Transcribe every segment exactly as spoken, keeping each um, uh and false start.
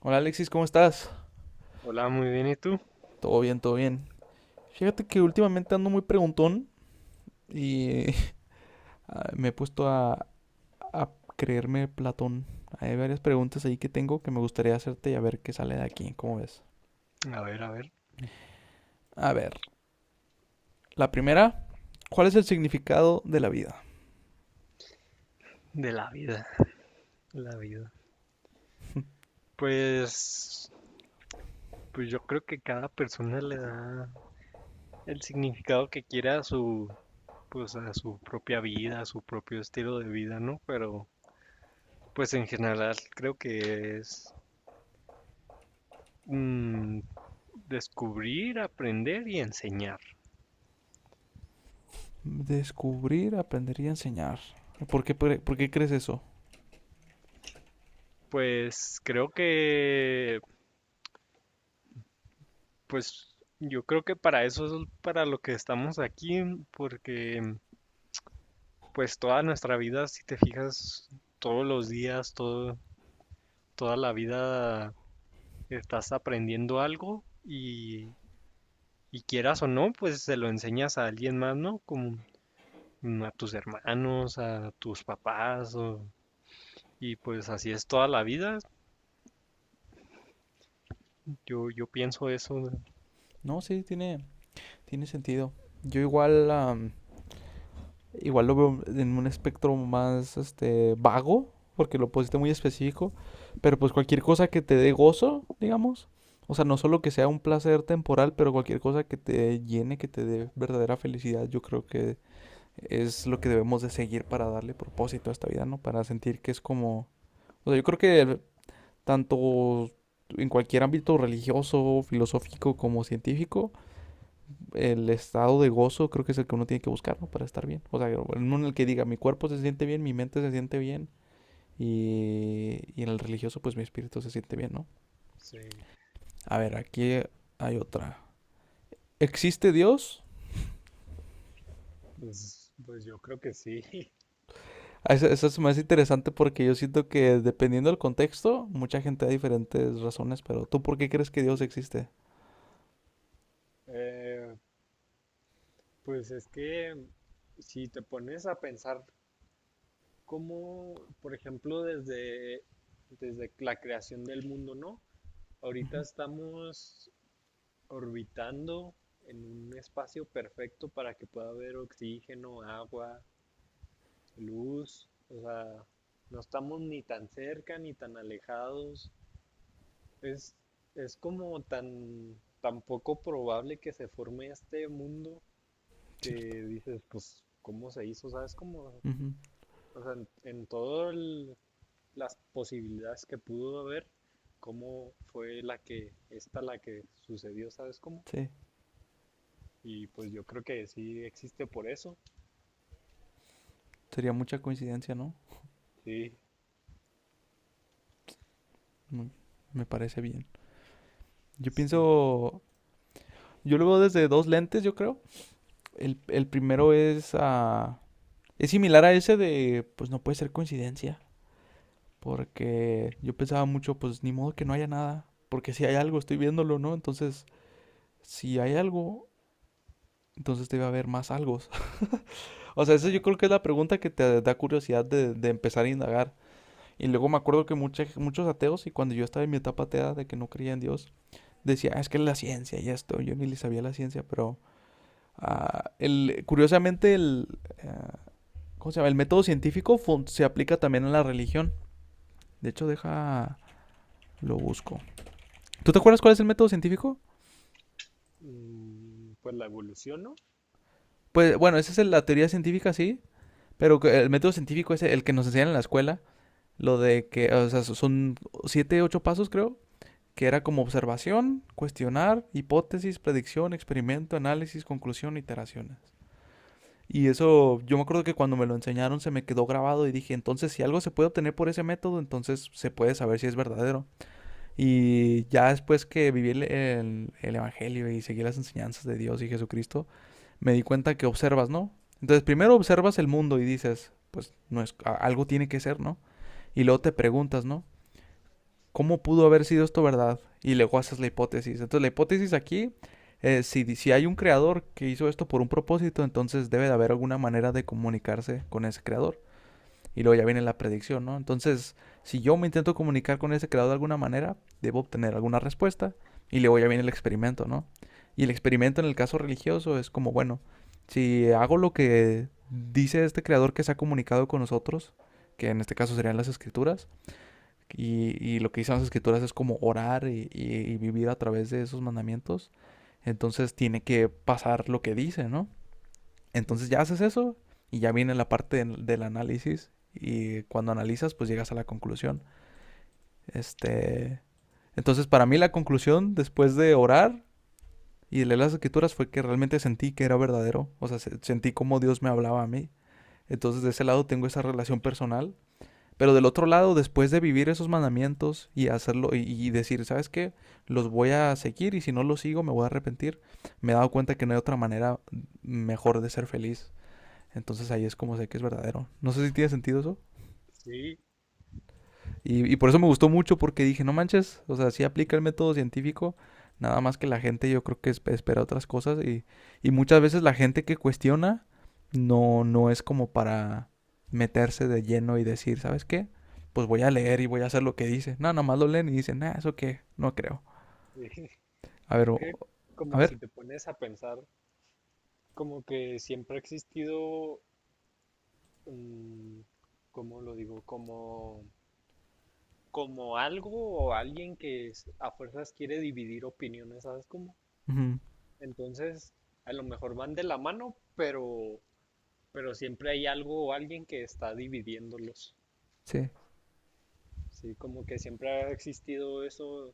Hola Alexis, ¿cómo estás? Hola, muy bien, ¿y tú? Todo bien, todo bien. Fíjate que últimamente ando muy preguntón y ah, me he puesto a, a creerme Platón. Hay varias preguntas ahí que tengo que me gustaría hacerte y a ver qué sale de aquí, ¿cómo ves? A ver, a ver, A ver, la primera, ¿cuál es el significado de la vida? de la vida, la vida. Pues, pues yo creo que cada persona le da el significado que quiera a su, pues a su propia vida, a su propio estilo de vida, ¿no? Pero, pues en general creo que es mm, descubrir, aprender y enseñar. Descubrir, aprender y enseñar. ¿Por qué, pre- por qué crees eso? Pues creo que, pues yo creo que para eso es para lo que estamos aquí, porque pues toda nuestra vida, si te fijas, todos los días, todo, toda la vida estás aprendiendo algo y, y quieras o no, pues se lo enseñas a alguien más, ¿no? Como mm, a tus hermanos, a tus papás, o- y pues así es toda la vida. Yo, yo pienso eso, ¿no? No, sí, tiene, tiene sentido. Yo igual, am, igual lo veo en un espectro más este vago, porque lo pusiste muy específico, pero pues cualquier cosa que te dé gozo, digamos, o sea, no solo que sea un placer temporal, pero cualquier cosa que te llene, que te dé verdadera felicidad, yo creo que es lo que debemos de seguir para darle propósito a esta vida, ¿no? Para sentir que es como, o sea, yo creo que tanto en cualquier ámbito religioso, filosófico como científico, el estado de gozo creo que es el que uno tiene que buscar, ¿no? Para estar bien. O sea, uno en el que diga, mi cuerpo se siente bien, mi mente se siente bien. Y, y en el religioso, pues mi espíritu se siente bien, ¿no? Sí, A ver, aquí hay otra. ¿Existe Dios? pues, pues yo creo que sí. Eso, eso es más interesante porque yo siento que dependiendo del contexto, mucha gente da diferentes razones, pero ¿tú por qué crees que Dios Y, existe? eh, pues es que si te pones a pensar cómo, por ejemplo, desde, desde la creación del mundo, ¿no? Ujú. Ahorita estamos orbitando en un espacio perfecto para que pueda haber oxígeno, agua, luz, o sea, no estamos ni tan cerca ni tan alejados. Es, es como tan, tan poco probable que se forme este mundo que Cierto. dices, pues, ¿cómo se hizo? ¿Sabes? Como, Ujú. o sea, en, en todas las posibilidades que pudo haber, cómo fue la que, esta la que sucedió, ¿sabes cómo? Sí. Y pues yo creo que sí existe por eso. Sería mucha coincidencia, ¿no? Sí, Mm. Me parece bien. Yo sí. pienso, yo lo veo desde dos lentes, yo creo. El, el primero es, ah, es similar a ese de, pues no puede ser coincidencia, porque yo pensaba mucho, pues ni modo que no haya nada, porque si hay algo, estoy viéndolo, ¿no? Entonces, si hay algo, entonces debe haber más algo. O sea, esa Ajá. yo creo que es la pregunta que te da curiosidad de, de empezar a indagar. Y luego me acuerdo que mucha- muchos ateos, y cuando yo estaba en mi etapa atea de que no creía en Dios, decía, "Ah, es que es la ciencia y esto, yo ni le sabía la ciencia, pero ah, el, curiosamente el, ah, ¿cómo se llama? El método científico se aplica también a la religión. De hecho, deja. Lo busco. ¿Tú te acuerdas cuál es el método científico? Mm, pues la evolución, ¿no? Pues bueno, esa es la teoría científica, sí. Pero el método científico es el que nos enseñan en la escuela. Lo de que, o sea, so-, son siete, ocho pasos, creo. Que era como observación, cuestionar, hipótesis, predicción, experimento, análisis, conclusión, iteraciones. Y eso, yo me acuerdo que cuando me lo enseñaron se me quedó grabado y dije, entonces si algo se puede obtener por ese método, entonces se puede saber si es verdadero. Y ya después que viví el, el- el Evangelio y seguí las enseñanzas de Dios y Jesucristo, me di cuenta que observas, ¿no? Entonces primero observas el mundo y dices, pues no es, a- algo tiene que ser, ¿no? Y luego te Ajá, preguntas, ¿no? ¿Cómo pudo haber sido esto verdad? Y luego haces la hipótesis. Entonces la hipótesis aquí, eh, si, di- si hay un creador que hizo esto por un propósito, entonces debe de haber alguna manera de comunicarse con ese creador. Y luego ya viene la predicción, ¿no? Entonces, si yo me intento comunicar con ese creador de alguna manera, debo obtener alguna respuesta. Y luego ya viene el experimento, ¿no? Y el experimento en el caso religioso es como, bueno, si hago lo que dice este creador que se ha comunicado con nosotros, que en este caso serían las escrituras, y, y lo que dicen las escrituras es como orar y, y- y vivir a través de esos mandamientos, entonces tiene que pasar lo que dice, ¿no? ajá, Entonces ya haces eso y ya viene la parte del del análisis y cuando analizas pues llegas a la conclusión. Este, entonces para mí la conclusión después de orar y leer las escrituras fue que realmente sentí que era verdadero, o sea, sentí como Dios me hablaba a mí. Entonces de ese lado tengo esa relación personal, pero del otro lado después de vivir esos mandamientos y hacerlo y, y decir, ¿sabes qué? Los voy a seguir y si no los sigo me voy a arrepentir. Me he dado cuenta que no hay otra manera mejor de ser feliz entonces ahí ajá. es como sé que es verdadero. No sé si tiene sentido eso. Sí, Y, y por eso me gustó mucho porque dije, no manches, o sea, sí aplica el método científico, nada más que la gente yo creo que espera otras cosas y, y muchas veces la gente que cuestiona no, no es como para meterse de lleno y decir, ¿sabes qué? Pues voy a leer y voy a hacer lo que dice. No, nomás lo leen y dicen, nah, eso qué, no creo. sí. A ver, Es que, o- a como si ver. te pones a pensar, como que siempre ha existido, mm, ¿cómo lo digo? Como, como algo o alguien que es- a fuerzas quiere dividir opiniones, ¿sabes cómo? Ujú. Entonces, a lo mejor van de la mano, pero, pero siempre hay algo o alguien que está dividiéndolos. Sí. Sí, como que siempre ha existido eso.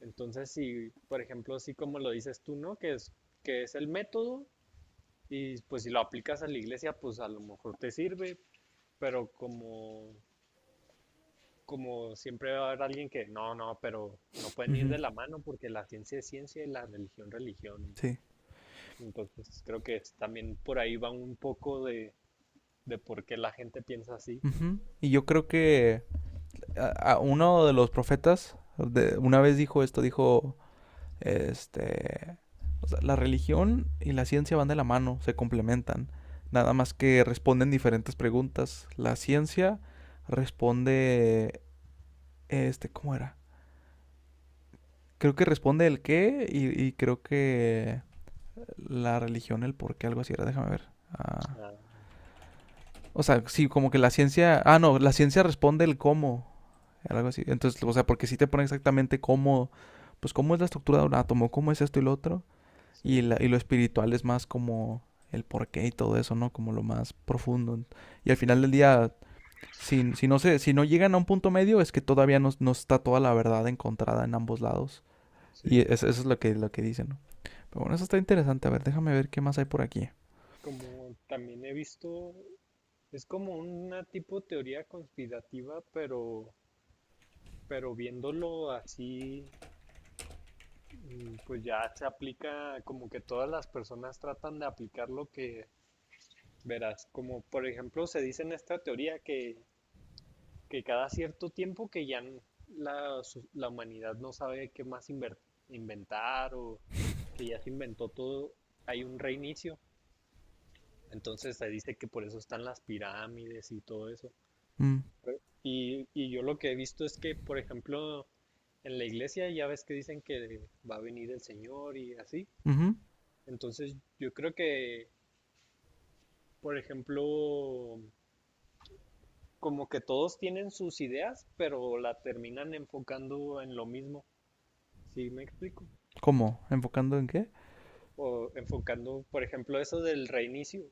Entonces, si, por ejemplo, así como lo dices tú, ¿no? Que es, que es el método, y pues si lo aplicas a la iglesia, pues a lo mejor te sirve, pero como como siempre va a haber alguien que no, no, pero no pueden ir Ujú. de la mano porque la ciencia es ciencia y la religión religión. Sí. Entonces creo que es- también por ahí va un poco de, de por qué la gente piensa así. Ujú. Y yo creo que a- a uno de los profetas de- una vez dijo esto, dijo, este, o sea, la religión y la ciencia van de la mano, se complementan, nada más que responden diferentes preguntas. La ciencia responde, este, ¿cómo era? Creo que responde el qué y, y creo que la religión el por qué, algo así era, déjame ver. Ah, Ah, o sea, sí, como que la ciencia, ah, no, la ciencia responde el cómo. Algo así. Entonces, o sea, porque si te pone exactamente cómo, pues cómo es la estructura de un átomo, cómo es esto y lo otro. Y, sí, la- y lo espiritual es más como el porqué y todo eso, ¿no? Como lo más profundo. Y al final sí, del día, si, si no se, si no llegan a un punto medio, es que todavía no, no está toda la verdad encontrada en ambos lados. Y sí. es- eso es lo que, lo que dicen, ¿no? Pero bueno, eso está interesante. A ver, déjame ver qué más hay por aquí. Como también he visto, es como una tipo teoría conspirativa, pero, pero viéndolo así, mm, pues ya se aplica como que todas las personas tratan de aplicar lo que... Verás, como por ejemplo se dice en esta teoría que, que cada cierto tiempo que ya n- la, su- la humanidad no sabe qué más inver- inventar o que ya se inventó todo, hay un reinicio. Entonces se dice que por eso están las pirámides y todo eso. Mm. Re- Y, y yo lo que he visto es que, por ejemplo, en la iglesia ya ves que dicen que va a venir el Señor y así. Ujú. Entonces yo creo que, por ejemplo, como que todos tienen sus ideas, pero la terminan enfocando en lo mismo, ¿sí me explico? ¿Cómo? ¿Enfocando en qué? O enfocando, por ejemplo, eso del reinicio,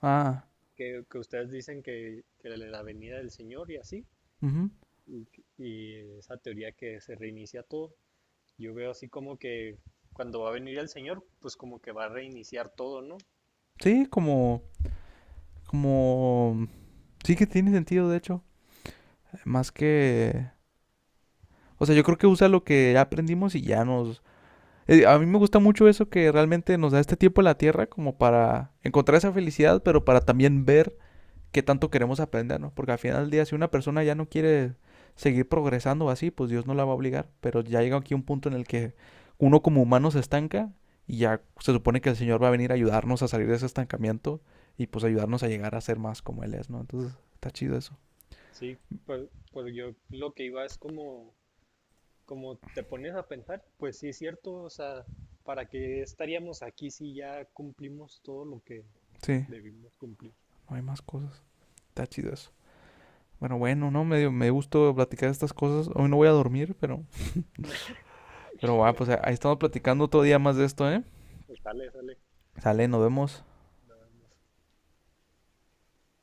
Ah. que, que ustedes dicen que, que la venida del Señor y así, Ujú. y, y esa teoría que se reinicia todo, yo veo así como que cuando va a venir el Señor, pues como que va a reiniciar todo, ¿no? Sí, como, como... Sí que tiene sentido, de hecho. Más que... O sea, yo creo que usa lo que ya aprendimos y ya nos... eh, a mí me gusta mucho eso que realmente nos da este tiempo en la Tierra como para encontrar esa felicidad, pero para también ver qué tanto queremos aprender, ¿no? Porque al final del día, si una Ajá. persona ya no quiere seguir progresando así, pues Dios no la va a obligar. Pero ya llega aquí un punto en el que uno como humano se estanca y ya se supone que el Señor va a venir a ayudarnos a salir de ese estancamiento y pues ayudarnos a llegar a ser más como Él es, ¿no? Entonces, está chido eso. Sí, pues, pues yo lo que iba es como, como te pones a pensar, pues sí es cierto, o sea, ¿para qué estaríamos aquí si ya cumplimos todo lo que Sí, debimos cumplir? no hay más cosas. Está chido eso. Bueno, bueno, no, me dio, me dio gusto platicar estas cosas. Hoy no voy a dormir, pero, pero va, pues ahí estamos platicando otro día más de esto, ¿eh? Sale, sale, Sale, nos vemos. nada más.